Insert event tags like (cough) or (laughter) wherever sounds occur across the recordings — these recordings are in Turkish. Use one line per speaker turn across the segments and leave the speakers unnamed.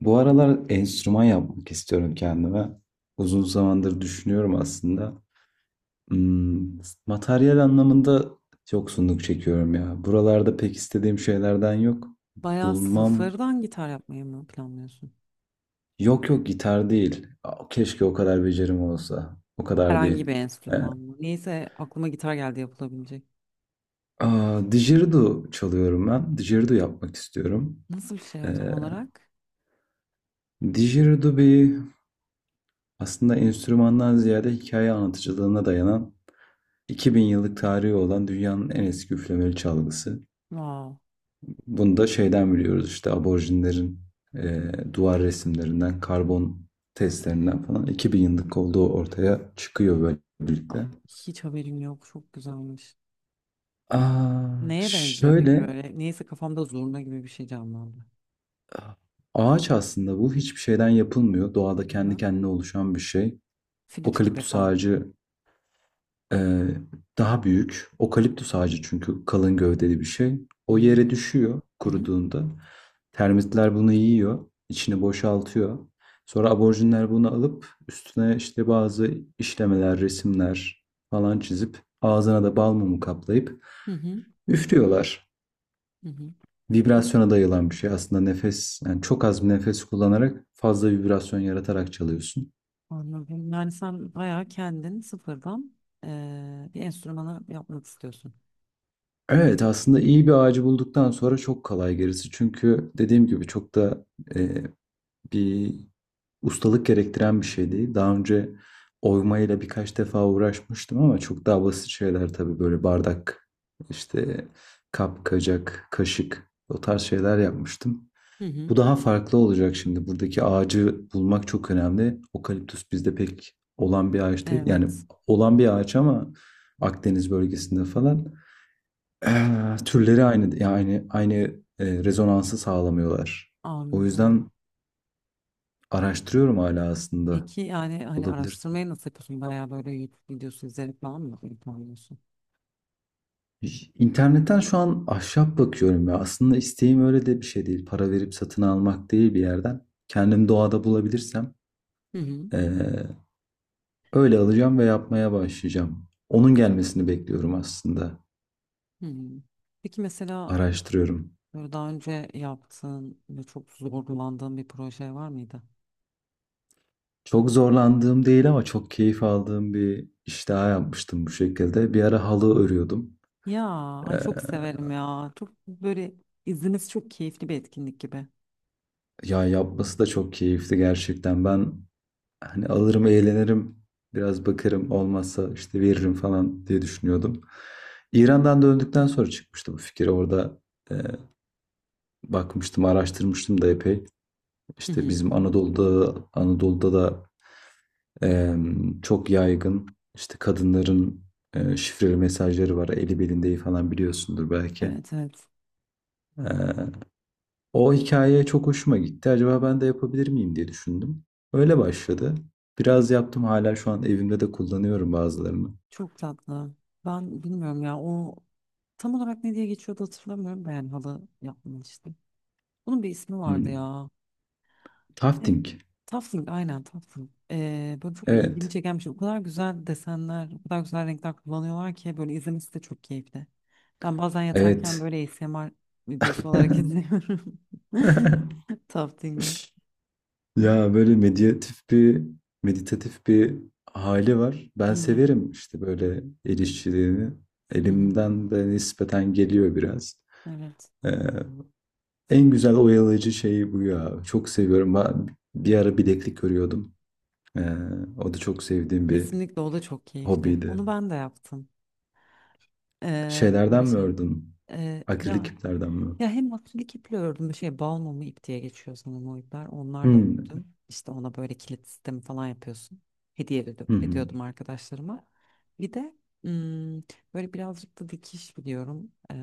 Bu aralar enstrüman yapmak istiyorum kendime. Uzun zamandır düşünüyorum aslında. Hmm, materyal anlamında yoksunluk çekiyorum ya. Buralarda pek istediğim şeylerden yok.
Bayağı
Bulmam.
sıfırdan gitar yapmayı mı planlıyorsun?
Yok yok, gitar değil. Keşke o kadar becerim olsa. O kadar
Herhangi
değil.
bir
Ee,
enstrüman mı? Neyse aklıma gitar geldi yapılabilecek.
Didgeridoo çalıyorum ben. Didgeridoo yapmak istiyorum.
Nasıl bir şey
Ee,
o tam olarak?
Didgeridoo bir aslında enstrümandan ziyade hikaye anlatıcılığına dayanan 2000 yıllık tarihi olan dünyanın en eski üflemeli çalgısı.
Wow.
Bunu da şeyden biliyoruz işte aborjinlerin duvar resimlerinden, karbon testlerinden falan 2000 yıllık olduğu ortaya çıkıyor böylelikle.
Hiç haberim yok. Çok güzelmiş.
Aa,
Neye benziyor peki
Şöyle,
böyle? Neyse kafamda zurna gibi bir şey canlandı.
ağaç aslında. Bu hiçbir şeyden yapılmıyor, doğada kendi
Hı-hı.
kendine oluşan bir şey.
Flüt gibi
Okaliptüs
falan.
ağacı Ee, daha büyük. Okaliptüs
Hı-hı.
ağacı çünkü kalın gövdeli bir şey. O yere düşüyor
Hı-hı.
kuruduğunda. Termitler bunu yiyor, içini boşaltıyor. Sonra aborjinler bunu alıp üstüne işte bazı işlemeler, resimler falan çizip ağzına da bal mumu kaplayıp
Hı-hı.
üflüyorlar.
Hı-hı.
Vibrasyona dayalı bir şey aslında, nefes yani. Çok az bir nefes kullanarak fazla vibrasyon yaratarak çalıyorsun.
Anladım. Yani sen bayağı kendin sıfırdan bir enstrümanı yapmak istiyorsun.
Evet, aslında iyi bir ağacı bulduktan sonra çok kolay gerisi. Çünkü dediğim gibi çok da e, bir ustalık gerektiren bir şey değil. Daha önce oymayla birkaç defa uğraşmıştım ama çok daha basit şeyler tabii, böyle bardak, işte kap, kacak, kaşık, o tarz şeyler yapmıştım. Bu
Hı-hı.
daha farklı olacak şimdi. Buradaki ağacı bulmak çok önemli. Okaliptüs bizde pek olan bir ağaç değil. Yani
Evet.
olan bir ağaç ama Akdeniz bölgesinde falan. Türleri aynı, yani aynı rezonansı sağlamıyorlar. O
Anladım.
yüzden araştırıyorum hala, aslında
Peki yani hani
olabilirsem.
araştırmayı nasıl yapıyorsun? Bayağı böyle YouTube videosu izleyerek falan mı yapıyorsun?
İnternetten şu an ahşap bakıyorum ya. Aslında isteğim öyle de bir şey değil. Para verip satın almak değil bir yerden. Kendim doğada bulabilirsem
Hı hı.
eee, öyle alacağım ve yapmaya başlayacağım. Onun gelmesini bekliyorum aslında.
Hı hı. Peki mesela
Araştırıyorum.
böyle daha önce yaptığın ve çok zorlandığın bir proje var mıydı?
Çok zorlandığım değil ama çok keyif aldığım bir iş daha yapmıştım bu şekilde. Bir ara halı örüyordum.
Ya ay,
Eee,
çok severim ya. Çok böyle izniniz çok keyifli bir etkinlik gibi.
Ya, yapması da çok keyifli gerçekten. Ben hani alırım, eğlenirim, biraz bakarım, olmazsa işte veririm falan diye düşünüyordum. İran'dan döndükten sonra çıkmıştı bu fikir. Orada e, bakmıştım, araştırmıştım da epey.
Hı
İşte
hı.
bizim Anadolu'da da e, çok yaygın, işte kadınların şifreli mesajları var. Eli belinde falan, biliyorsundur belki.
Evet, evet.
E, O hikaye çok hoşuma gitti. Acaba ben de yapabilir miyim diye düşündüm. Öyle başladı. Biraz yaptım, hala şu an evimde de kullanıyorum bazılarını.
Çok tatlı. Ben bilmiyorum ya o tam olarak ne diye geçiyordu, hatırlamıyorum. Ben halı yapmıştım. Bunun bir ismi vardı
Hmm.
ya. Şey,
Tafting.
Tafting, aynen, Tafting. Böyle çok ilgimi
Evet.
çeken bir şey. O kadar güzel desenler, o kadar güzel renkler kullanıyorlar ki böyle izlemesi de çok keyifli. Ben bazen yatarken
Evet.
böyle ASMR videosu olarak
(laughs)
izliyorum. (laughs) Tafting'i. Hı,
Ya, böyle meditatif bir meditatif bir hali var. Ben
evet.
severim işte böyle el işçiliğini.
Hı hı,
Elimden de nispeten geliyor biraz.
evet.
Ee, en güzel oyalayıcı şey bu ya. Çok seviyorum. Ben bir ara bileklik örüyordum. Ee, o da çok sevdiğim bir
Kesinlikle o da çok keyifli.
hobiydi.
Onu ben de yaptım. Böyle
Şeylerden mi
şey.
ördün?
Ee,
Akrilik
ya
iplerden mi?
Ya hem akrilik iple ördüm. Bir şey, balmumu ip diye geçiyor sanırım o ipler. Onlarla
Hmm.
ördüm. İşte ona böyle kilit sistemi falan yapıyorsun. Hediye
Hı hı.
ediyordum arkadaşlarıma. Bir de hmm, böyle birazcık da dikiş biliyorum.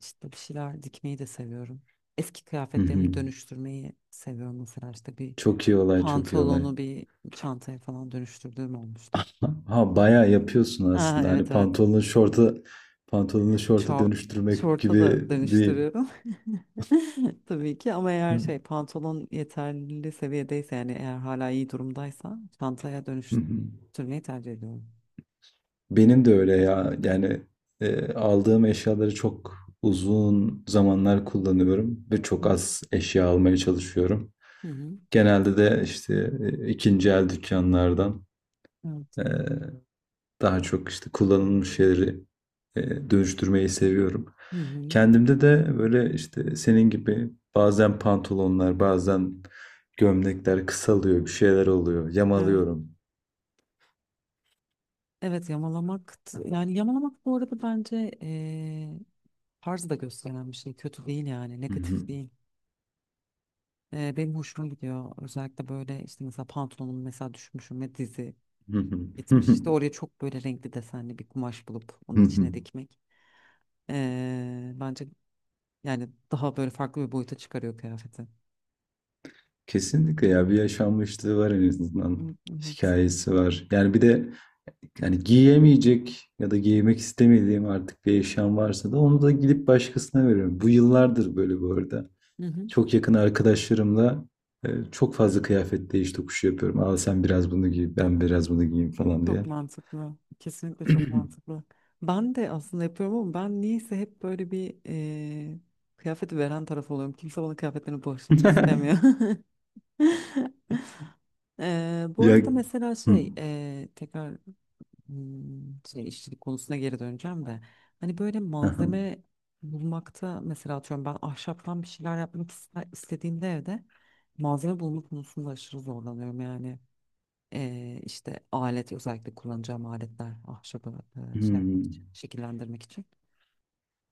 İşte bir şeyler dikmeyi de seviyorum. Eski
Hı hı.
kıyafetlerimi dönüştürmeyi seviyorum, mesela işte bir
Çok iyi olay, çok iyi olay.
pantolonu bir çantaya falan dönüştürdüğüm olmuştu.
Ha, ha, bayağı yapıyorsun aslında. Hani
Evet, evet.
pantolonu şorta
Şort,
dönüştürmek
şorta
gibi
da
değil.
dönüştürüyorum. (laughs) Tabii ki, ama eğer
Hı
şey pantolon yeterli seviyedeyse, yani eğer hala iyi durumdaysa çantaya
hı.
dönüştürmeyi tercih ediyorum.
Benim de öyle ya. Yani aldığım eşyaları çok uzun zamanlar kullanıyorum ve
Hı
çok
hı.
az eşya almaya çalışıyorum.
Hı hı.
Genelde de işte ikinci el dükkanlardan.
Evet.
Ee, Daha çok işte kullanılmış şeyleri dönüştürmeyi seviyorum.
Hı hı.
Kendimde de böyle işte senin gibi bazen pantolonlar, bazen gömlekler kısalıyor, bir şeyler oluyor,
Evet.
yamalıyorum.
Evet, yamalamak yani yamalamak bu arada bence tarz da gösteren bir şey. Kötü değil, yani
Hı
negatif
hı,
değil. Benim hoşuma gidiyor. Özellikle böyle işte mesela pantolonum mesela düşmüşüm ve dizi
hı hı, hı
gitmiş,
hı,
işte oraya çok böyle renkli desenli bir kumaş bulup onu
hı hı.
içine dikmek. Bence yani daha böyle farklı bir boyuta çıkarıyor kıyafeti.
Kesinlikle ya, bir yaşanmışlığı var en azından.
Hı, evet.
Hikayesi var. Yani bir de, yani giyemeyecek ya da giymek istemediğim artık bir eşyam varsa da onu da gidip başkasına veriyorum. Bu yıllardır böyle bu arada.
Hı hı.
Çok yakın arkadaşlarımla çok fazla kıyafet değiş tokuşu yapıyorum. Aa, sen biraz bunu giy, ben biraz bunu giyeyim falan
Çok
diye.
mantıklı. Kesinlikle çok
(clears throat)
mantıklı. Ben de aslında yapıyorum, ama ben niyeyse hep böyle bir kıyafeti veren taraf oluyorum. Kimse bana kıyafetlerini bağışlamak istemiyor.
(laughs)
(laughs) Bu
Ya.
arada mesela
Hı,
tekrar şey işçilik konusuna geri döneceğim de hani böyle
aha.
malzeme bulmakta, mesela atıyorum ben ahşaptan bir şeyler yapmak istediğimde evde malzeme bulma konusunda aşırı zorlanıyorum yani. İşte alet, özellikle kullanacağım aletler, ahşabı şey yapmak için,
Hmm.
şekillendirmek için.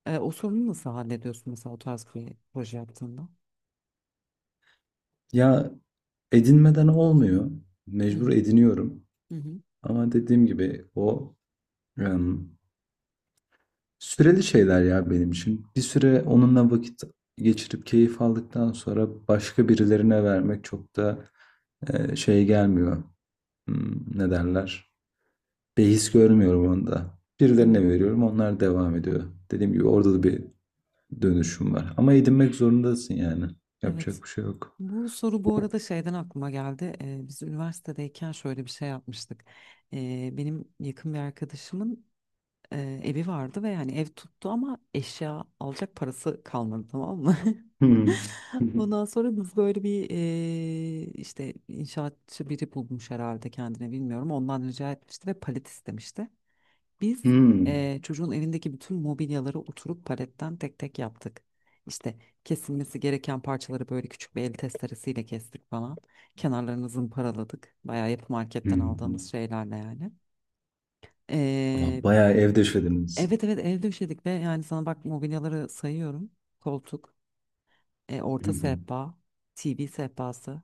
O sorunu nasıl hallediyorsun mesela o tarz bir proje yaptığında?
Ya, edinmeden olmuyor.
Hı
Mecbur
hı,
ediniyorum.
hı hı.
Ama dediğim gibi o em, süreli şeyler ya benim için. Bir süre onunla vakit geçirip keyif aldıktan sonra başka birilerine vermek çok da şey gelmiyor. Ne derler? Behis görmüyorum onda. Birilerine
Evet.
veriyorum, onlar devam ediyor. Dediğim gibi orada da bir dönüşüm var. Ama edinmek zorundasın yani.
Evet.
Yapacak bir şey yok.
Bu soru bu arada şeyden aklıma geldi. Biz üniversitedeyken şöyle bir şey yapmıştık. Benim yakın bir arkadaşımın evi vardı ve yani ev tuttu ama eşya alacak parası kalmadı, tamam mı?
Hmm.
(laughs)
(laughs)
Ondan sonra biz böyle bir işte inşaatçı biri bulmuş herhalde kendine, bilmiyorum. Ondan rica etmişti ve palet istemişti. Biz
Hmm.
eee, çocuğun evindeki bütün mobilyaları oturup paletten tek tek yaptık. İşte kesilmesi gereken parçaları böyle küçük bir el testeresiyle kestik falan. Kenarlarını zımparaladık. Bayağı yapı marketten aldığımız
Hmm.
şeylerle yani. Eee,
Bayağı ev deşlediniz.
evet, evet, ev döşedik ve yani sana bak mobilyaları sayıyorum. Koltuk, orta
(laughs)
sehpa, TV sehpası.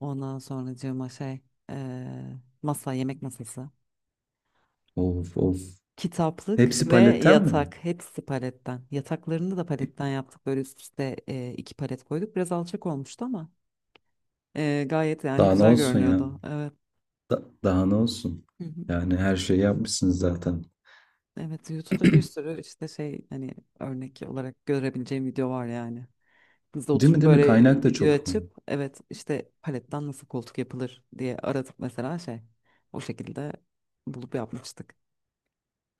Ondan sonracığıma eee, masa, yemek masası.
Of of.
Kitaplık
Hepsi
ve
paletten mi?
yatak, hepsi paletten. Yataklarını da paletten yaptık. Böyle üst üste iki palet koyduk. Biraz alçak olmuştu ama gayet yani
Daha ne
güzel
olsun ya?
görünüyordu. Evet.
Daha ne olsun?
Hı hı.
Yani her şeyi yapmışsınız zaten.
Evet, YouTube'da bir sürü işte şey, hani örnek olarak görebileceğim video var yani. Biz de
Değil mi,
oturup
değil mi?
böyle
Kaynak da
video
çok iyi.
açıp evet, işte paletten nasıl koltuk yapılır diye aratıp mesela şey, o şekilde bulup yapmıştık.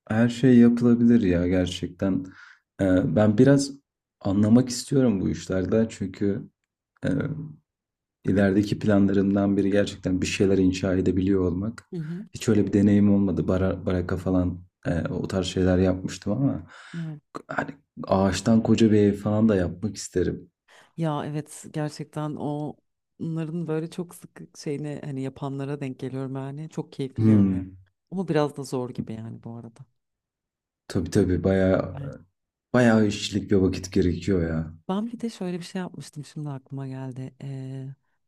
Her şey yapılabilir ya, gerçekten. Ben biraz anlamak istiyorum bu işlerden çünkü e, ilerideki planlarımdan biri gerçekten bir şeyler inşa edebiliyor olmak.
Hı hı.
Hiç öyle bir deneyim olmadı. Baraka falan, o tarz şeyler yapmıştım ama hani ağaçtan koca bir ev falan da yapmak isterim.
Ya evet, gerçekten o onların böyle çok sık şeyini hani yapanlara denk geliyorum yani. Çok keyifli görünüyor.
Hmm.
Ama biraz da zor gibi yani bu arada.
Tabii tabii, bayağı
Evet.
bayağı işçilik ve vakit gerekiyor ya.
Ben bir de şöyle bir şey yapmıştım, şimdi aklıma geldi.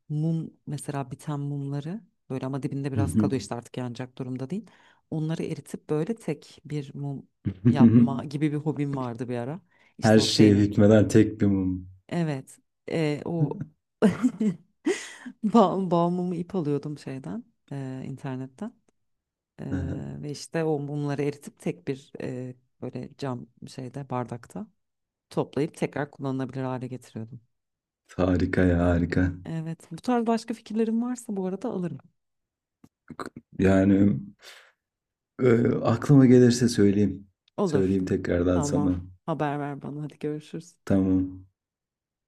Mum, mesela biten mumları, böyle ama dibinde
Hı
biraz
hı.
kalıyor işte, artık yanacak durumda değil. Onları eritip böyle tek bir mum yapma
(laughs)
gibi bir hobim vardı bir ara. İşte
Her
o
şeye
şeyini.
hükmeden tek bir mum.
Evet. O (laughs) bağımımı ip alıyordum şeyden, internetten. E,
(laughs)
Ve işte o mumları eritip tek bir böyle cam şeyde, bardakta toplayıp tekrar kullanılabilir hale getiriyordum.
Harika ya, harika.
Evet. Bu tarz başka fikirlerin varsa bu arada alırım.
Yani aklıma gelirse söyleyeyim.
Olur.
Söyleyeyim tekrardan
Tamam.
sana.
Haber ver bana. Hadi görüşürüz.
Tamam.